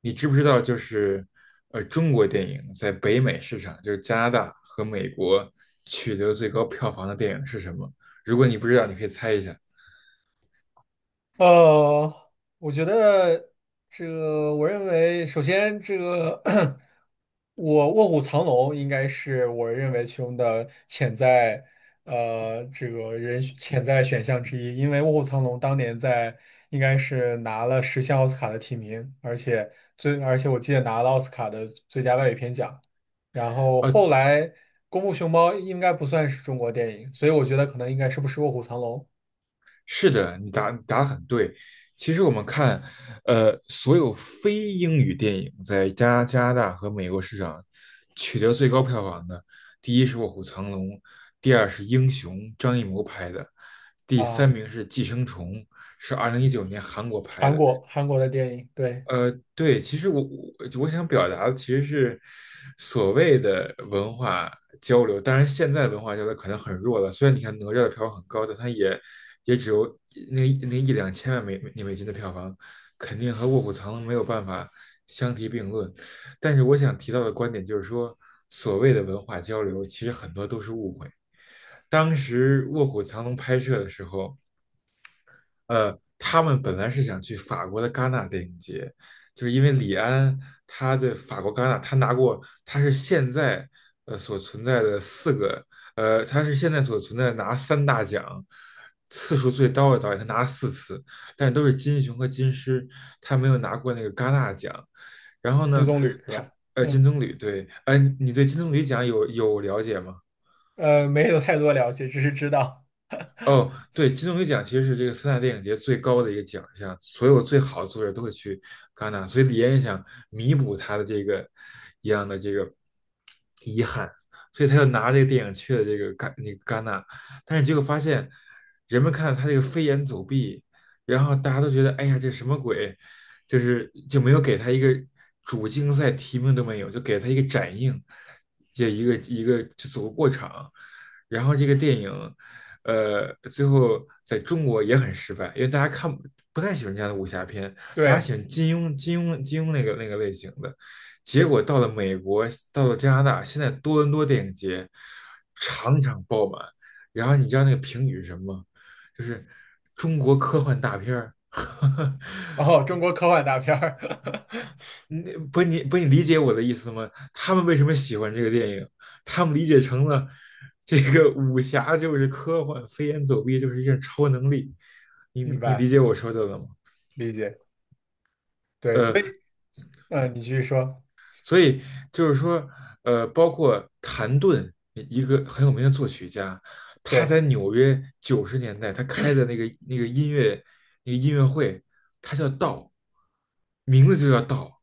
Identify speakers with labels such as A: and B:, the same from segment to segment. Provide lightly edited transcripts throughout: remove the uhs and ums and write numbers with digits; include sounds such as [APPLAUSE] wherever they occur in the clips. A: 你知不知道，就是中国电影在北美市场，就是加拿大和美国取得最高票房的电影是什么？如果你不知道，你可以猜一下。
B: 呃，我觉得这个，我认为首先这个 [CLEARS THROAT] 我卧虎藏龙应该是我认为其中的潜在呃这个人潜在选项之一，因为卧虎藏龙当年在应该是拿了10项奥斯卡的提名，而且而且我记得拿了奥斯卡的最佳外语片奖，然后后来功夫熊猫应该不算是中国电影，所以我觉得可能应该是不是卧虎藏龙。
A: 是的，你答得很对。其实我们看，所有非英语电影在加拿大和美国市场取得最高票房的，第一是《卧虎藏龙》，第二是《英雄》，张艺谋拍的，第三
B: 啊。
A: 名是《寄生虫》，是2019年韩国拍
B: 韩
A: 的。
B: 国韩国的电影，对，
A: 对，其实我我想表达的其实是所谓的文化交流，当然现在文化交流可能很弱了。虽然你看哪吒的票房很高，但它也只有那那一两千万美金的票房，肯定和《卧虎藏龙》没有办法相提并论。但是我想提到的观点就是说，所谓的文化交流，其实很多都是误会。当时《卧虎藏龙》拍摄的时候，他们本来是想去法国的戛纳电影节，就是因为李安他对法国戛纳，他拿过，他是现在所存在的四个，他是现在所存在的拿三大奖次数最高的导演，他拿了四次，但是都是金熊和金狮，他没有拿过那个戛纳奖。然后
B: 《金
A: 呢，
B: 棕榈》是
A: 他
B: 吧？
A: 金
B: 嗯，
A: 棕榈对，你对金棕榈奖有了解吗？
B: 没有太多了解，只是知道。
A: 哦，对，金棕榈奖其实是这个三大电影节最高的一个奖项，所有最好的作者都会去戛纳，所以李安也想弥补他的这个一样的这个遗憾，所以他就拿这个电影去了这个那个戛纳，但是结果发现人们看到他这个飞檐走壁，然后大家都觉得哎呀这什么鬼，就没有给他一个主竞赛提名都没有，就给他一个展映，这一个一个就走个过场，然后这个电影。最后在中国也很失败，因为大家看不太喜欢这样的武侠片，大家喜
B: 对。
A: 欢金庸、金庸、金庸那个类型的。结果到了美国，到了加拿大，现在多伦多电影节场场爆满。然后你知道那个评语是什么吗？就是中国科幻大片儿。[LAUGHS]
B: 哦，中国科幻大片儿。[LAUGHS]
A: 你不你不你理解我的意思吗？他们为什么喜欢这个电影？他们理解成了这个武侠就是科幻，飞檐走壁就是一种超能力。你你
B: 明
A: 你理
B: 白，
A: 解我说的了吗？
B: 理解。对，所以，
A: 呃。
B: 嗯、你继续说。
A: 所以就是说，包括谭盾，一个很有名的作曲家，他
B: 对
A: 在纽约90年代他开的那个那个音乐那个音乐会，他叫道，名字就叫道，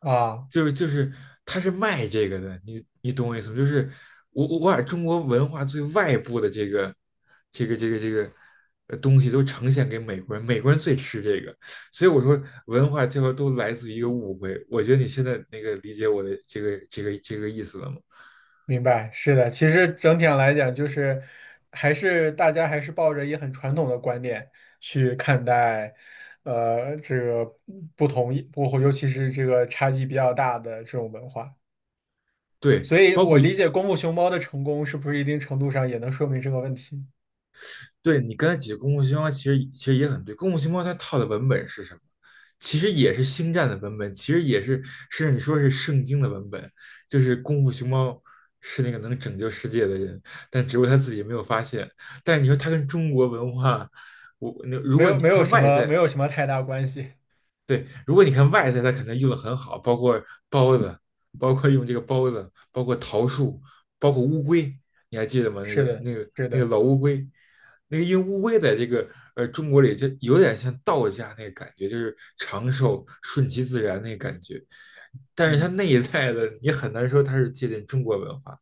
B: 啊，
A: 就是他是卖这个的，你懂我意思吗？就是我把中国文化最外部的这个东西都呈现给美国人，美国人最吃这个，所以我说，文化这块都来自于一个误会。我觉得你现在那个理解我的这个意思了吗？
B: 明白，是的。其实整体上来讲，就是大家还是抱着一个很传统的观念去看待，这个不同意，不，尤其是这个差异比较大的这种文化。
A: 对，
B: 所以我理解功夫熊猫的成功是不是一定程度上也能说明这个问题？
A: 对你刚才举的功夫熊猫，其实也很对。功夫熊猫它套的文本是什么？其实也是星战的文本，其实也是甚至你说是圣经的文本，就是功夫熊猫是那个能拯救世界的人，但只不过他自己没有发现。但是你说他跟中国文化，我那如
B: 没
A: 果
B: 有，
A: 你
B: 没
A: 他
B: 有什
A: 外
B: 么，没
A: 在
B: 有什么太大关系。
A: 对，如果你看外在，它肯定用的很好，包括包子，包括用这个包子，包括桃树，包括乌龟，你还记得吗？那个
B: 是的，
A: 那个
B: 是
A: 那个
B: 的，
A: 老乌龟，那个因为乌龟在这个中国里就有点像道家那个感觉，就是长寿顺其自然那个感觉，但是它
B: 嗯。
A: 内在的你很难说它是借鉴中国文化。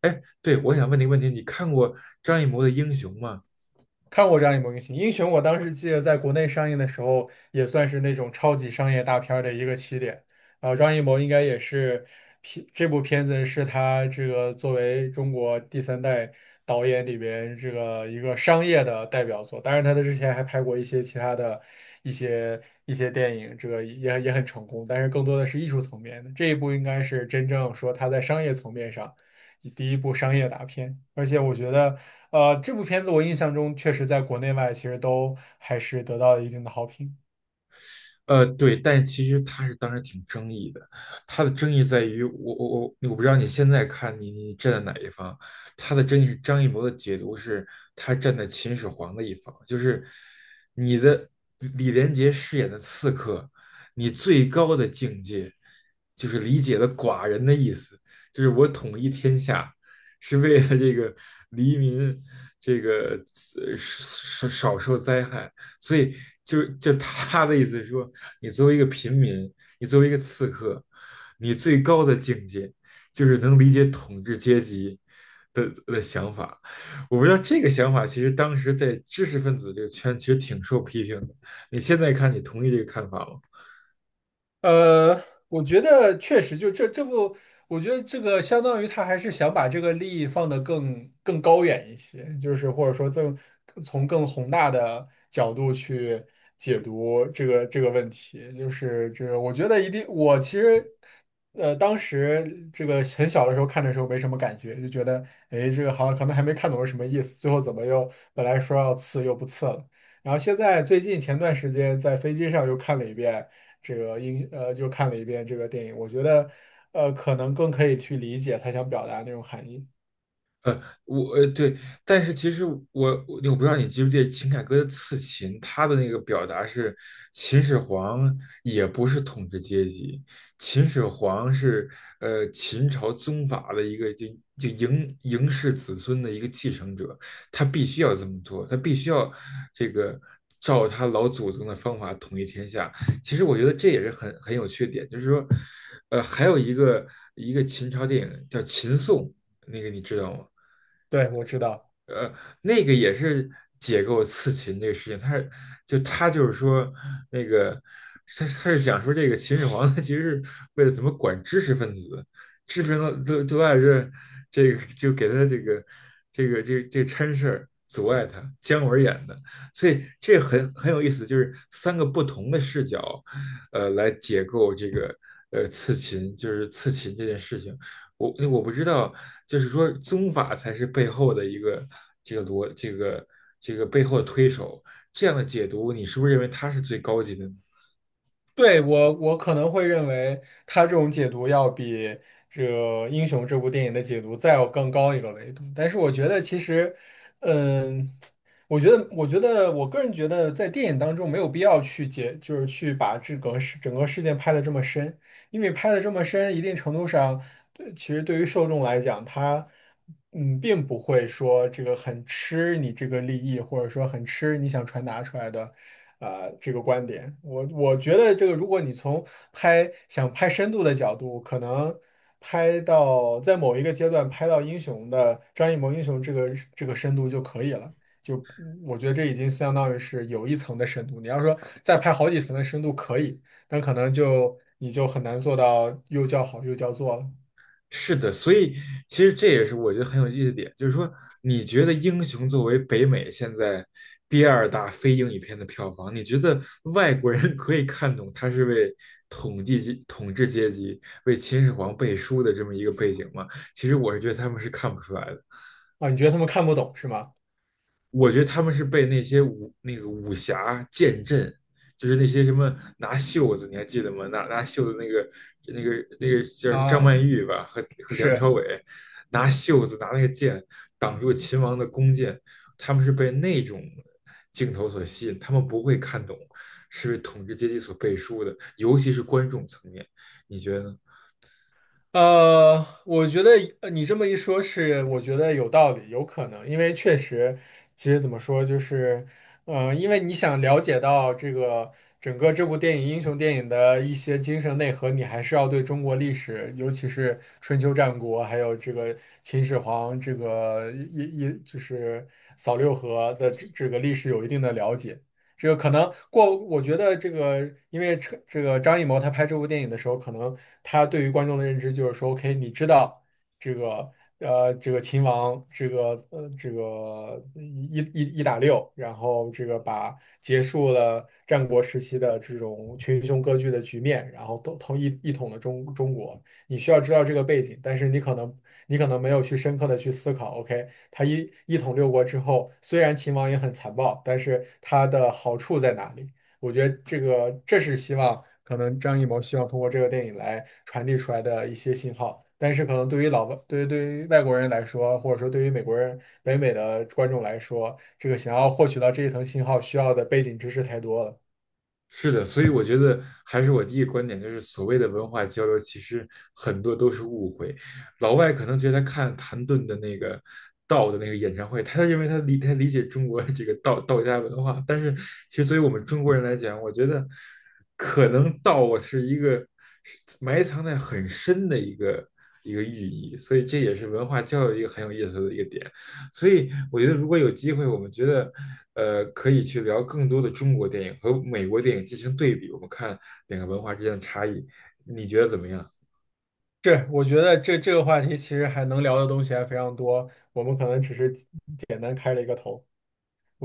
A: 哎，对，我想问你个问题，你看过张艺谋的《英雄》吗？
B: 看过张艺谋部英雄，英雄我当时记得在国内上映的时候，也算是那种超级商业大片儿的一个起点。啊，张艺谋应该也是这部片子是他这个作为中国第三代导演里边这个一个商业的代表作。当然，他在之前还拍过一些其他的一些一些电影，这个也很成功，但是更多的是艺术层面的。这一部应该是真正说他在商业层面上。第一部商业大片，而且我觉得，这部片子我印象中确实在国内外其实都还是得到了一定的好评。
A: 对，但其实他是当时挺争议的，他的争议在于我不知道你现在看你站在哪一方，他的争议是张艺谋的解读是他站在秦始皇的一方，就是你的李连杰饰演的刺客，你最高的境界就是理解了寡人的意思，就是我统一天下是为了这个黎民这个少受灾害。所以就他的意思是说，你作为一个平民，你作为一个刺客，你最高的境界就是能理解统治阶级的想法。我不知道这个想法，其实当时在知识分子这个圈其实挺受批评的。你现在看，你同意这个看法吗？
B: 我觉得确实就这不，我觉得这个相当于他还是想把这个利益放得更高远一些，就是或者说更从更宏大的角度去解读这个问题，就是这个我觉得一定，我其实当时这个很小的时候看的时候没什么感觉，就觉得哎这个好像可能还没看懂是什么意思，最后怎么又本来说要刺又不刺了，然后现在最近前段时间在飞机上又看了一遍。这个就看了一遍这个电影，我觉得可能更可以去理解他想表达那种含义。
A: 对，但是其实我不知道你记不记得秦凯歌的《刺秦》，他的那个表达是秦始皇也不是统治阶级，秦始皇是秦朝宗法的一个就嬴氏子孙的一个继承者，他必须要这么做，他必须要这个照他老祖宗的方法统一天下。其实我觉得这也是很有缺点，就是说，还有一个秦朝电影叫《秦颂》，那个你知道吗？
B: 对，我知道。
A: 呃，那个也是解构刺秦这个事情，他就是说那个他是讲说这个秦始皇他其实是为了怎么管知识分子，知识分子都爱这个就给他这个掺事儿阻碍他，姜文演的，所以这很有意思，就是三个不同的视角，来解构这个刺秦，就是刺秦这件事情。我不知道，就是说宗法才是背后的一个这个逻这个背后的推手，这样的解读，你是不是认为它是最高级的呢？
B: 对，我可能会认为他这种解读要比这个《英雄》这部电影的解读再要更高一个维度，但是我觉得其实，嗯。我个人觉得，在电影当中没有必要就是去把这个事整个事件拍得这么深，因为拍的这么深，一定程度上，对，其实对于受众来讲，他嗯，并不会说这个很吃你这个利益，或者说很吃你想传达出来的。这个观点，我觉得这个，如果你从拍想拍深度的角度，可能拍到在某一个阶段拍到英雄的张艺谋英雄这个深度就可以了。就我觉得这已经相当于是有一层的深度。你要说再拍好几层的深度可以，但可能就你就很难做到又叫好又叫座了。
A: 是的，所以其实这也是我觉得很有意思的点，就是说你觉得《英雄》作为北美现在第二大非英语片的票房，你觉得外国人 [LAUGHS] 可以看懂它是为统治阶级、为秦始皇背书的这么一个背景吗？其实我是觉得他们是看不出来的。
B: 啊。你觉得他们看不懂是吗？
A: 我觉得他们是被那个武侠剑阵，就是那些什么拿袖子，你还记得吗？拿袖子那个那个叫什么张
B: 啊，
A: 曼玉吧，和梁朝
B: 是。
A: 伟拿袖子拿那个剑挡住秦王的弓箭，他们是被那种镜头所吸引，他们不会看懂是为统治阶级所背书的，尤其是观众层面，你觉得呢？
B: 我觉得你这么一说是，我觉得有道理，有可能，因为确实，其实怎么说，就是，因为你想了解到这个整个这部电影英雄电影的一些精神内核，你还是要对中国历史，尤其是春秋战国，还有这个秦始皇，这个一就是扫六合的这个历史有一定的了解。这个可能过，我觉得这个，因为这个张艺谋他拍这部电影的时候，可能他对于观众的认知就是说，OK，你知道这个这个秦王这个一打六，然后这个把结束了战国时期的这种群雄割据的局面，然后都一统了中国，你需要知道这个背景，但是你可能没有去深刻的去思考，OK。他一统六国之后，虽然秦王也很残暴，但是他的好处在哪里？我觉得这个这是希望可能张艺谋希望通过这个电影来传递出来的一些信号。但是可能对于老外，对于外国人来说，或者说对于美国人、北美的观众来说，这个想要获取到这一层信号需要的背景知识太多了。
A: 是的，所以我觉得还是我第一个观点，就是所谓的文化交流，其实很多都是误会。老外可能觉得他看谭盾的那个道的那个演唱会，他认为他理解中国这个道家文化，但是其实作为我们中国人来讲，我觉得可能道是一个埋藏在很深的一个寓意，所以这也是文化交流一个很有意思的一个点。所以我觉得如果有机会，我们觉得可以去聊更多的中国电影和美国电影进行对比，我们看两个文化之间的差异，你觉得怎么样？
B: 是，我觉得这个话题其实还能聊的东西还非常多，我们可能只是简单开了一个头。我觉得。